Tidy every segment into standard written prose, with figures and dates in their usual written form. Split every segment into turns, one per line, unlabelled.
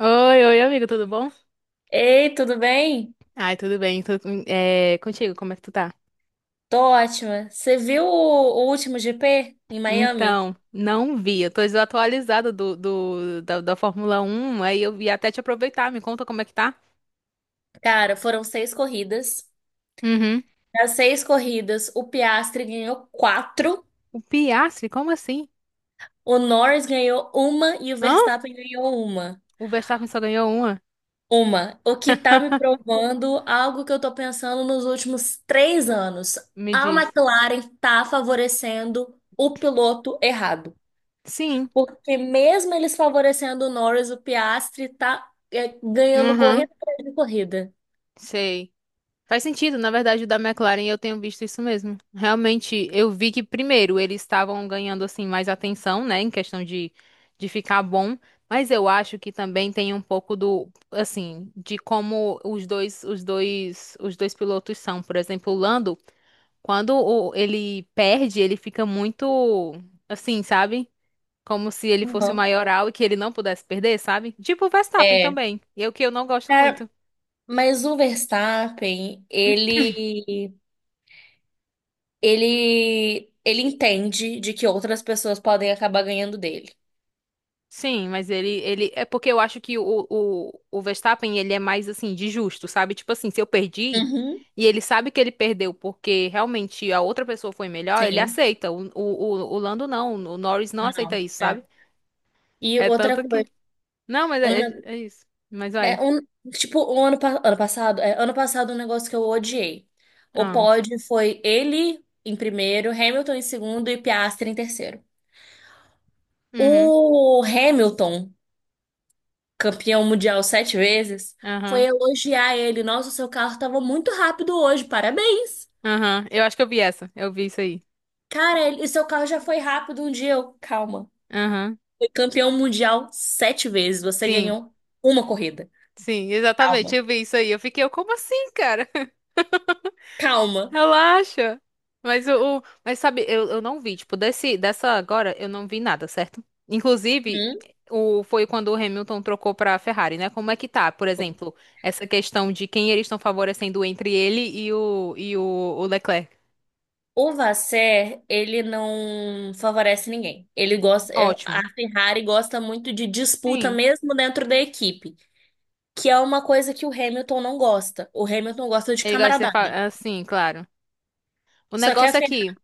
Oi, oi, amigo, tudo bom?
Ei, tudo bem?
Ai, tudo bem, tudo, contigo, como é que tu tá?
Tô ótima. Você viu o último GP em Miami?
Então, não vi, eu tô desatualizada da Fórmula Um. Aí eu ia até te aproveitar, me conta como é que tá?
Cara, foram seis corridas.
Uhum.
Das seis corridas, o Piastri ganhou quatro,
O Piastri, como assim?
o Norris ganhou uma e o
Hã?
Verstappen ganhou uma.
O Verstappen só ganhou uma?
Uma. O que tá me provando algo que eu tô pensando nos últimos três anos.
Me
A
diz.
McLaren tá favorecendo o piloto errado.
Sim.
Porque mesmo eles favorecendo o Norris, o Piastri tá ganhando corrida
Uhum,
atrás de corrida.
sei. Faz sentido, na verdade, o da McLaren eu tenho visto isso mesmo. Realmente, eu vi que primeiro eles estavam ganhando assim mais atenção, né, em questão de ficar bom, mas eu acho que também tem um pouco do assim, de como os dois pilotos são, por exemplo, o Lando, quando ele perde, ele fica muito assim, sabe? Como se ele fosse o
Uhum.
maioral e que ele não pudesse perder, sabe? Tipo o Verstappen
É,
também, e é o que eu não gosto
cara,
muito.
mas o Verstappen, ele entende de que outras pessoas podem acabar ganhando dele.
Sim, mas ele. É porque eu acho que o Verstappen, ele é mais assim, de justo, sabe? Tipo assim, se eu perdi
Uhum.
e ele sabe que ele perdeu porque realmente a outra pessoa foi melhor, ele
Sim,
aceita. O Lando não, o Norris não aceita
não,
isso,
é.
sabe?
E
É
outra
tanto que.
coisa,
Não, mas é,
uma-
é, é isso. Mas
é
vai.
um, tipo, o ano, pa- ano passado, é, ano passado um negócio que eu odiei. O
Ah.
pódio foi ele em primeiro, Hamilton em segundo e Piastri em terceiro.
Uhum.
O Hamilton campeão mundial sete vezes, foi
Aham.
elogiar ele. Nossa, o seu carro estava muito rápido hoje, parabéns.
Aham. Eu acho que eu vi essa. Eu vi isso aí.
Cara, ele, o seu carro já foi rápido um dia. Eu, calma.
Aham.
Foi campeão mundial sete vezes, você
Sim,
ganhou uma corrida.
sim, exatamente.
Calma,
Eu vi isso aí. Eu fiquei, como assim, cara?
calma.
Relaxa. Mas mas sabe, eu não vi, tipo, desse dessa agora eu não vi nada, certo? Inclusive,
Hum?
o foi quando o Hamilton trocou pra Ferrari, né? Como é que tá, por exemplo, essa questão de quem eles estão favorecendo entre ele e o Leclerc?
O Vasser, ele não favorece ninguém.
Ótimo.
A Ferrari gosta muito de disputa
Sim.
mesmo dentro da equipe, que é uma coisa que o Hamilton não gosta. O Hamilton gosta de
Ele gosta de ser
camaradagem.
assim, claro. O
Só que a
negócio é
Fer-
que,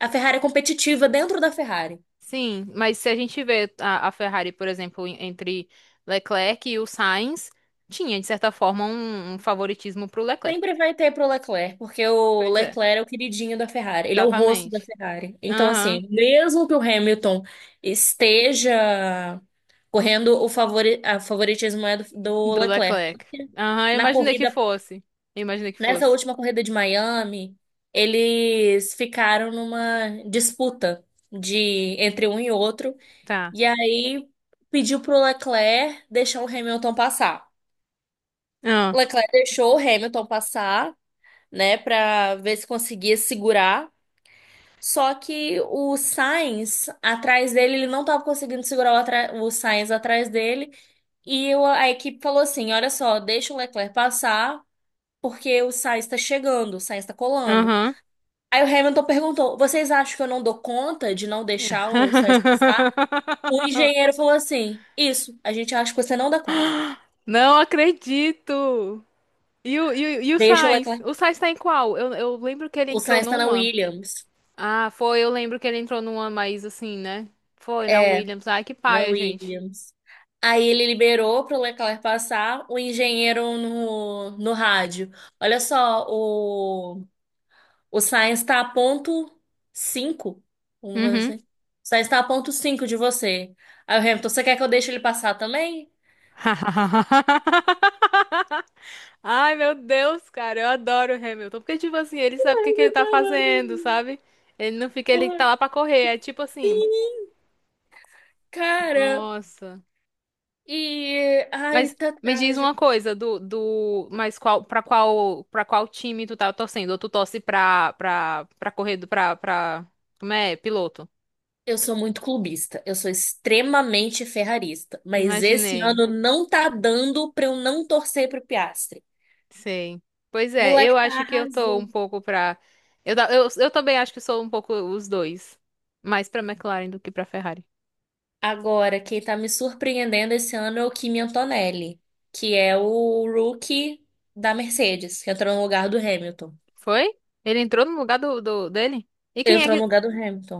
A Ferrari é competitiva dentro da Ferrari.
sim, mas se a gente vê a Ferrari, por exemplo, entre Leclerc e o Sainz, tinha de certa forma um favoritismo pro Leclerc.
Sempre vai ter pro Leclerc, porque o
Pois é.
Leclerc é o queridinho da Ferrari, ele é o rosto da
Exatamente.
Ferrari. Então,
Aham.
assim, mesmo que o Hamilton esteja correndo, a favoritismo é do
Do
Leclerc.
Leclerc. Aham, eu
Na
imaginei que
corrida,
fosse. Eu imaginei que
nessa
fosse.
última corrida de Miami, eles ficaram numa disputa de entre um e outro,
Tá.
e aí pediu pro Leclerc deixar o Hamilton passar.
Ah.
Leclerc deixou o Hamilton passar, né, para ver se conseguia segurar. Só que o Sainz atrás dele, ele não estava conseguindo segurar o Sainz atrás dele. E a equipe falou assim: olha só, deixa o Leclerc passar, porque o Sainz está chegando, o Sainz está colando.
Aham.
Aí o Hamilton perguntou: vocês acham que eu não dou conta de não deixar o Sainz passar? O engenheiro falou assim: isso, a gente acha que você não dá conta.
Não acredito! E o
Deixa o
Sainz?
Leclerc.
O Sainz tá em qual? Eu lembro que ele
O
entrou
Sainz está na
numa.
Williams.
Ah, foi, eu lembro que ele entrou numa, mas assim, né? Foi na
É,
Williams. Ai, que
na
paia, gente.
Williams. Aí ele liberou para o Leclerc passar, o engenheiro no rádio. Olha só, o Sainz está a ponto 5 vamos dizer
Uhum.
assim. O Sainz está a ponto 5 de você. Aí o Hamilton, você quer que eu deixe ele passar também?
Ai, meu Deus, cara, eu adoro o Hamilton. Porque, tipo assim, ele sabe o que que ele tá fazendo, sabe? Ele não fica, ele tá
Porra,
lá pra correr. É tipo assim,
cara,
nossa.
e ai,
Mas
tá
me diz
trágico.
uma coisa, mas qual, pra qual time tu tá torcendo? Ou tu torce pra correr, como é? Piloto.
Eu sou muito clubista, eu sou extremamente ferrarista, mas esse
Imaginei.
ano não tá dando pra eu não torcer pro Piastri.
Sim. Pois
O
é, eu
moleque tá
acho que eu tô um
arrasando.
pouco pra. Eu também acho que sou um pouco os dois. Mais pra McLaren do que pra Ferrari.
Agora, quem tá me surpreendendo esse ano é o Kimi Antonelli, que é o rookie da Mercedes, que entrou no lugar do Hamilton.
Foi? Ele entrou no lugar do dele? E quem
Entrou
é
no
que.
lugar do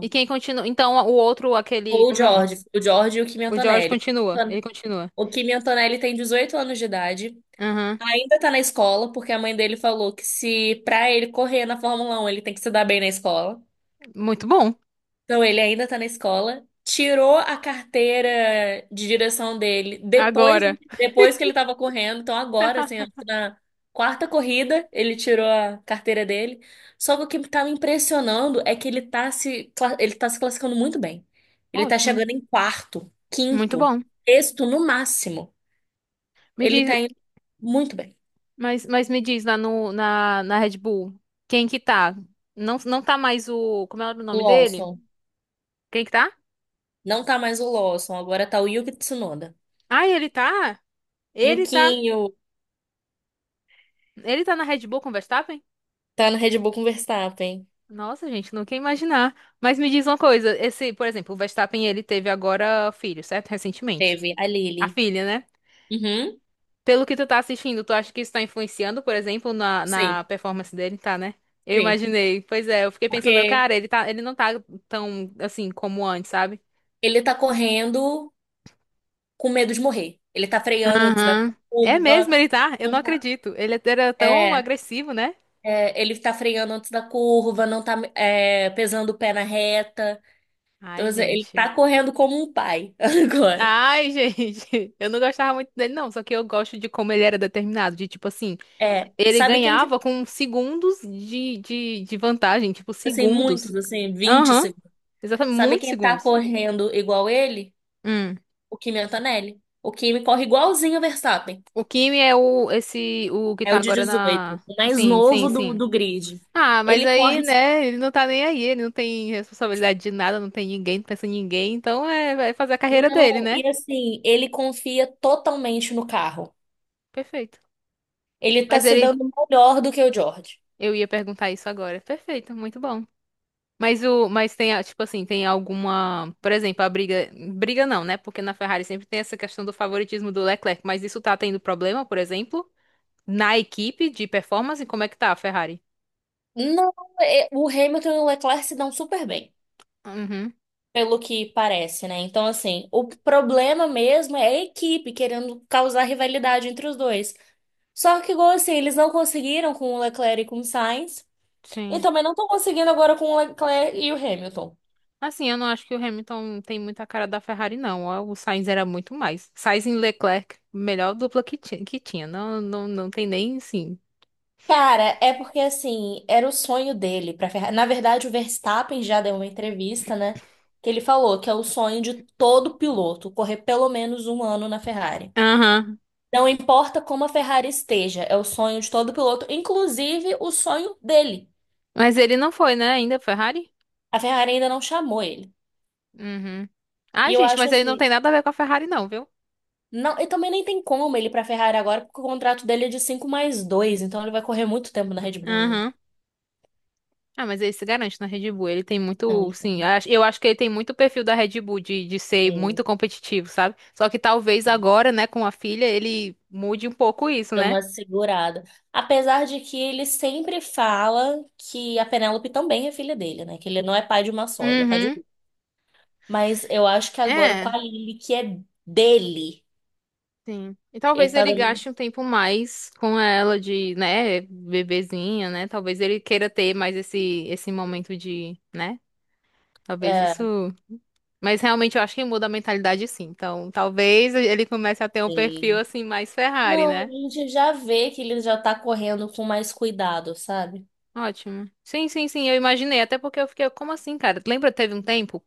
E quem continua? Então o outro, aquele.
Ou o
Como é?
George, o George e o Kimi
O George
Antonelli.
continua. Ele continua.
O Kimi Antonelli tem 18 anos de idade,
Aham.
ainda tá na escola, porque a mãe dele falou que se pra ele correr na Fórmula 1, ele tem que se dar bem na escola.
Muito bom.
Então, ele ainda tá na escola, tirou a carteira de direção dele
Agora.
depois que ele tava correndo. Então, agora, assim, acho que na quarta corrida, ele tirou a carteira dele. Só que o que tá me impressionando é que ele tá se classificando muito bem. Ele tá
Ótimo.
chegando em quarto,
Muito
quinto,
bom.
sexto no máximo.
Me
Ele
diz.
tá indo muito bem.
Mas me diz lá no, na, na Red Bull. Quem que tá? Não, não tá mais o. Como é o nome dele?
Lawson.
Quem que tá?
Não tá mais o Lawson, agora tá o Yuki Tsunoda.
Ah, ele tá? Ele tá.
Yukinho
Ele tá na Red Bull com o Verstappen?
tá no Red Bull com o Verstappen.
Nossa, gente, não quer imaginar. Mas me diz uma coisa, esse, por exemplo, o Verstappen, ele teve agora filho, certo? Recentemente.
Teve a
A
Lily.
filha, né?
Uhum.
Pelo que tu tá assistindo, tu acha que isso tá influenciando, por exemplo, na
Sim,
performance dele, tá, né? Eu
sim.
imaginei. Pois é, eu fiquei pensando,
Porque
cara, ele não tá tão assim como antes, sabe?
ele tá correndo com medo de morrer. Ele tá freando antes da
Aham. É mesmo,
curva.
ele tá? Eu não
Não tá.
acredito. Ele era tão
É,
agressivo, né?
ele tá freando antes da curva, não tá, pesando o pé na reta. Então,
Ai,
assim, ele
gente.
tá correndo como um pai agora.
Ai, gente, eu não gostava muito dele, não. Só que eu gosto de como ele era determinado. De tipo assim,
É,
ele
sabe quem que,
ganhava com segundos de vantagem. Tipo,
assim,
segundos.
muitos, assim, vinte
Aham.
segundos.
Exatamente,
Sabe
muitos
quem tá
segundos.
correndo igual ele?
Hum.
O Kimi Antonelli. O Kimi corre igualzinho o Verstappen.
O Kimi é o, esse, o que
É
tá
o de
agora
18
na.
o mais
Sim, sim,
novo do,
sim.
do grid.
Ah, mas
Ele
aí,
corre
né, ele não tá nem aí. Ele não tem responsabilidade de nada, não tem ninguém, não pensa em ninguém. Então é, vai fazer a carreira dele,
Não,
né?
e assim, ele confia totalmente no carro.
Perfeito.
Ele tá
Mas
se
ele.
dando melhor do que o George.
Eu ia perguntar isso agora. Perfeito, muito bom. Mas tem, tipo assim, tem alguma, por exemplo, a briga, briga não, né? Porque na Ferrari sempre tem essa questão do favoritismo do Leclerc, mas isso tá tendo problema, por exemplo, na equipe de performance, como é que tá a Ferrari?
Não, o Hamilton e o Leclerc se dão super bem,
Uhum,
pelo que parece, né? Então, assim, o problema mesmo é a equipe querendo causar rivalidade entre os dois. Só que, igual assim, eles não conseguiram com o Leclerc e com o Sainz, e
sim.
também não estão conseguindo agora com o Leclerc e o Hamilton.
Assim, eu não acho que o Hamilton tem muita cara da Ferrari, não. O Sainz era muito mais. Sainz e Leclerc, melhor dupla que tinha, que tinha. Não, não, não tem nem, sim.
Cara, é porque assim, era o sonho dele para Ferrari. Na verdade, o Verstappen já deu uma entrevista, né? Que ele falou que é o sonho de todo piloto correr pelo menos um ano na Ferrari.
Aham.
Não importa como a Ferrari esteja, é o sonho de todo piloto, inclusive o sonho dele.
Mas ele não foi, né, ainda, Ferrari?
A Ferrari ainda não chamou ele.
Uhum. Ah,
E eu
gente,
acho
mas ele não
assim,
tem nada a ver com a Ferrari, não, viu?
não, e também nem tem como ele ir pra Ferrari agora, porque o contrato dele é de 5 mais 2, então ele vai correr muito tempo na Red Bull ainda.
Aham. Ah, mas ele se garante na Red Bull. Ele tem
Não,
muito,
ele vai.
sim, eu acho que ele tem muito o perfil da Red Bull de, ser muito competitivo, sabe? Só que talvez
É.
agora, né, com a filha, ele mude um pouco isso,
Dá
né?
uma segurada. Apesar de que ele sempre fala que a Penélope também é filha dele, né? Que ele não é pai de uma só, ele é pai de
Uhum.
duas. Mas eu acho que agora com
É,
a Lily, que é dele,
sim. E talvez
ele tá
ele
dando.
gaste um tempo mais com ela de, né, bebezinha, né? Talvez ele queira ter mais esse momento de, né? Talvez
É,
isso. Mas realmente eu acho que muda a mentalidade sim. Então, talvez ele comece a ter um perfil
assim.
assim mais Ferrari,
Não, a
né?
gente já vê que ele já tá correndo com mais cuidado, sabe?
Ótimo. Sim, sim, sim, eu imaginei. Até porque eu fiquei, como assim, cara? Lembra, teve um tempo,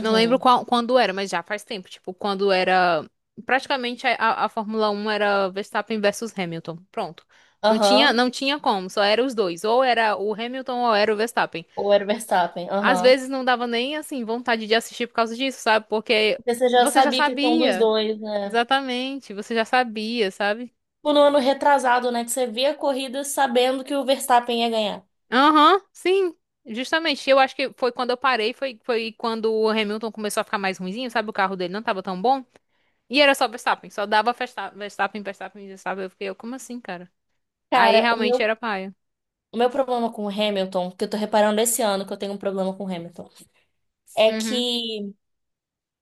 não lembro qual, quando era, mas já faz tempo. Tipo, quando era. Praticamente a Fórmula Um era Verstappen versus Hamilton. Pronto. Não tinha,
Aham.
não tinha como, só era os dois. Ou era o Hamilton ou era o Verstappen.
Ou era o Verstappen,
Às
aham.
vezes não dava nem, assim, vontade de assistir por causa disso, sabe? Porque
Porque você já
você já
sabia que são dos
sabia.
dois, né?
Exatamente, você já sabia, sabe?
Tipo, no ano retrasado, né? Que você vê a corrida sabendo que o Verstappen ia ganhar.
Aham, sim, justamente. Eu acho que foi quando eu parei, foi quando o Hamilton começou a ficar mais ruinzinho, sabe? O carro dele não tava tão bom. E era só Verstappen, só dava Verstappen, Verstappen, Verstappen. Eu fiquei, como assim, cara? Aí
Cara, o
realmente
meu
era paia.
O meu problema com o Hamilton, que eu tô reparando esse ano que eu tenho um problema com o Hamilton, é
Uhum,
que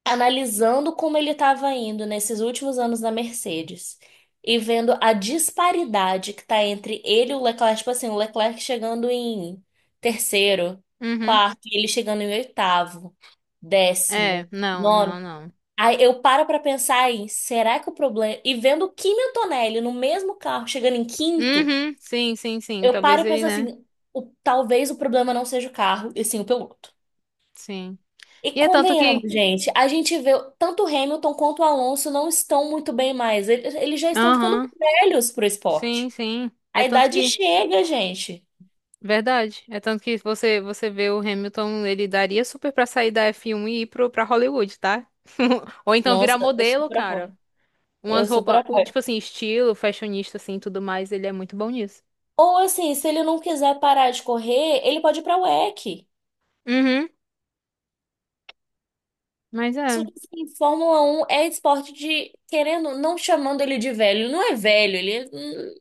analisando como ele estava indo nesses últimos anos na Mercedes e vendo a disparidade que tá entre ele e o Leclerc, tipo assim, o Leclerc chegando em terceiro,
uhum.
quarto, e ele chegando em oitavo,
É,
décimo,
não, não,
nono.
não.
Aí eu paro pra pensar aí, será que o problema. E vendo o Kimi Antonelli no mesmo carro chegando em quinto.
Uhum, sim, sim, sim.
Eu paro
Talvez
e
ele,
penso
né?
assim, talvez o problema não seja o carro, e sim o piloto.
Sim.
E
E é tanto que.
convenhamos, gente, a gente vê tanto o Hamilton quanto o Alonso não estão muito bem mais. Eles já estão ficando
Aham,
velhos pro
sim,
esporte.
sim. É
A
tanto
idade
que.
chega, gente.
Verdade. É tanto que você vê o Hamilton, ele daria super pra sair da F1 e ir pra Hollywood, tá? Ou então virar
Nossa, eu
modelo,
super
cara.
apoio.
Umas
Eu super
roupas,
apoio.
tipo assim, estilo, fashionista, assim, tudo mais, ele é muito bom nisso.
Ou assim, se ele não quiser parar de correr, ele pode ir pra WEC.
Uhum, mas
Só
é.
que assim, Fórmula Um é esporte de, querendo, não chamando ele de velho. Ele não é velho, ele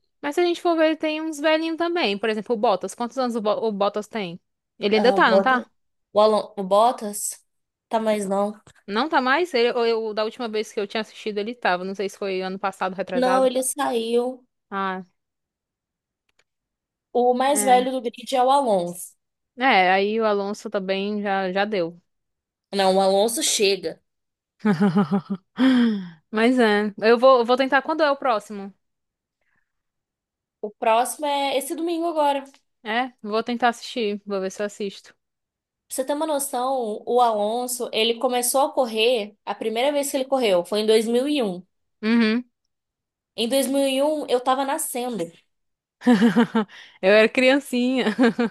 é.
Mas se a gente for ver, ele tem uns velhinhos também. Por exemplo, o Bottas. Quantos anos o Bottas tem? Ele ainda
Ah,
tá, não tá?
O Bottas? Tá, mas não.
Não tá mais? Ele, ou eu, da última vez que eu tinha assistido, ele tava. Não sei se foi ano passado,
Não,
retrasado.
ele saiu.
Ah,
O mais
é.
velho do grid é o Alonso.
É, aí o Alonso também já deu.
Não, o Alonso chega.
Mas é. Eu vou tentar. Quando é o próximo?
O próximo é esse domingo agora. Pra
É, vou tentar assistir. Vou ver se eu assisto.
você ter uma noção, o Alonso, ele começou a correr, a primeira vez que ele correu foi em 2001.
Uhum.
Em 2001 eu tava nascendo.
Eu era criancinha.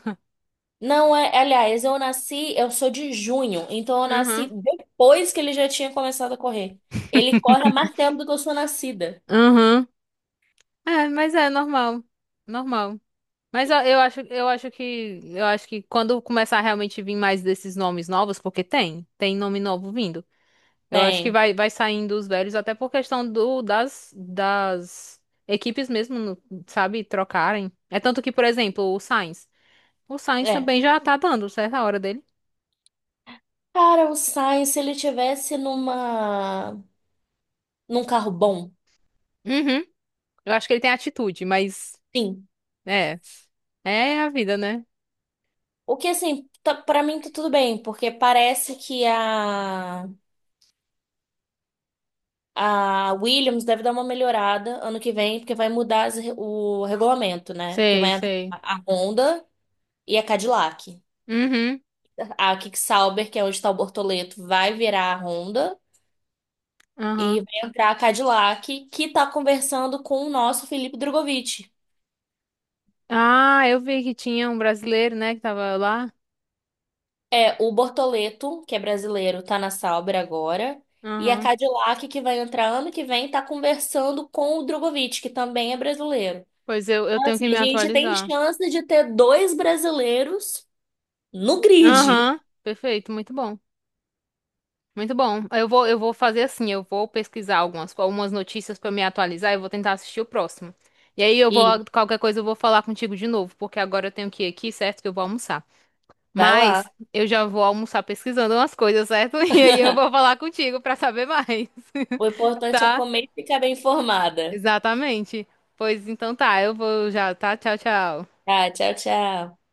Não é, aliás, eu nasci, eu sou de junho, então eu nasci
Uhum.
depois que ele já tinha começado a correr. Ele corre há mais tempo do que eu sou nascida.
Uhum. É, mas é normal. Normal. Mas eu acho que quando começar a realmente vir mais desses nomes novos, porque tem nome novo vindo. Eu acho que
Tem.
vai, saindo os velhos, até por questão do, das equipes mesmo, sabe, trocarem. É tanto que, por exemplo, o Sainz. O Sainz
É.
também já tá dando certa hora dele.
Cara, o Sainz, se ele tivesse num carro bom,
Uhum. Eu acho que ele tem atitude, mas
sim.
é, é a vida, né?
O que assim, tá, para mim tá tudo bem, porque parece que a Williams deve dar uma melhorada ano que vem, porque vai mudar o regulamento, né? Porque
Sei,
vai entrar
sei.
a Honda e a Cadillac.
Uhum.
A Kick-Sauber, que é onde está o Bortoleto, vai virar a Honda e
Aham.
vai entrar a Cadillac, que tá conversando com o nosso Felipe Drogovic.
Ah, eu vi que tinha um brasileiro, né, que tava lá.
É, o Bortoleto, que é brasileiro, tá na Sauber agora. E a
Aham.
Cadillac, que vai entrar ano que vem, tá conversando com o Drogovic, que também é brasileiro.
Pois eu
Então,
tenho que
assim,
me
a gente tem
atualizar.
chance de ter dois brasileiros no grid.
Aham. Perfeito, muito bom. Muito bom. Eu vou fazer assim, eu vou pesquisar algumas notícias pra me atualizar e vou tentar assistir o próximo. E aí eu vou,
E
qualquer coisa eu vou falar contigo de novo, porque agora eu tenho que ir aqui, certo? Que eu vou almoçar.
vai lá.
Mas eu já vou almoçar pesquisando umas coisas, certo? E aí eu vou falar contigo pra saber mais,
O importante é
tá?
comer e ficar bem informada.
Exatamente. Pois então tá, eu vou já, tá? Tchau, tchau.
Tá, tchau, tchau.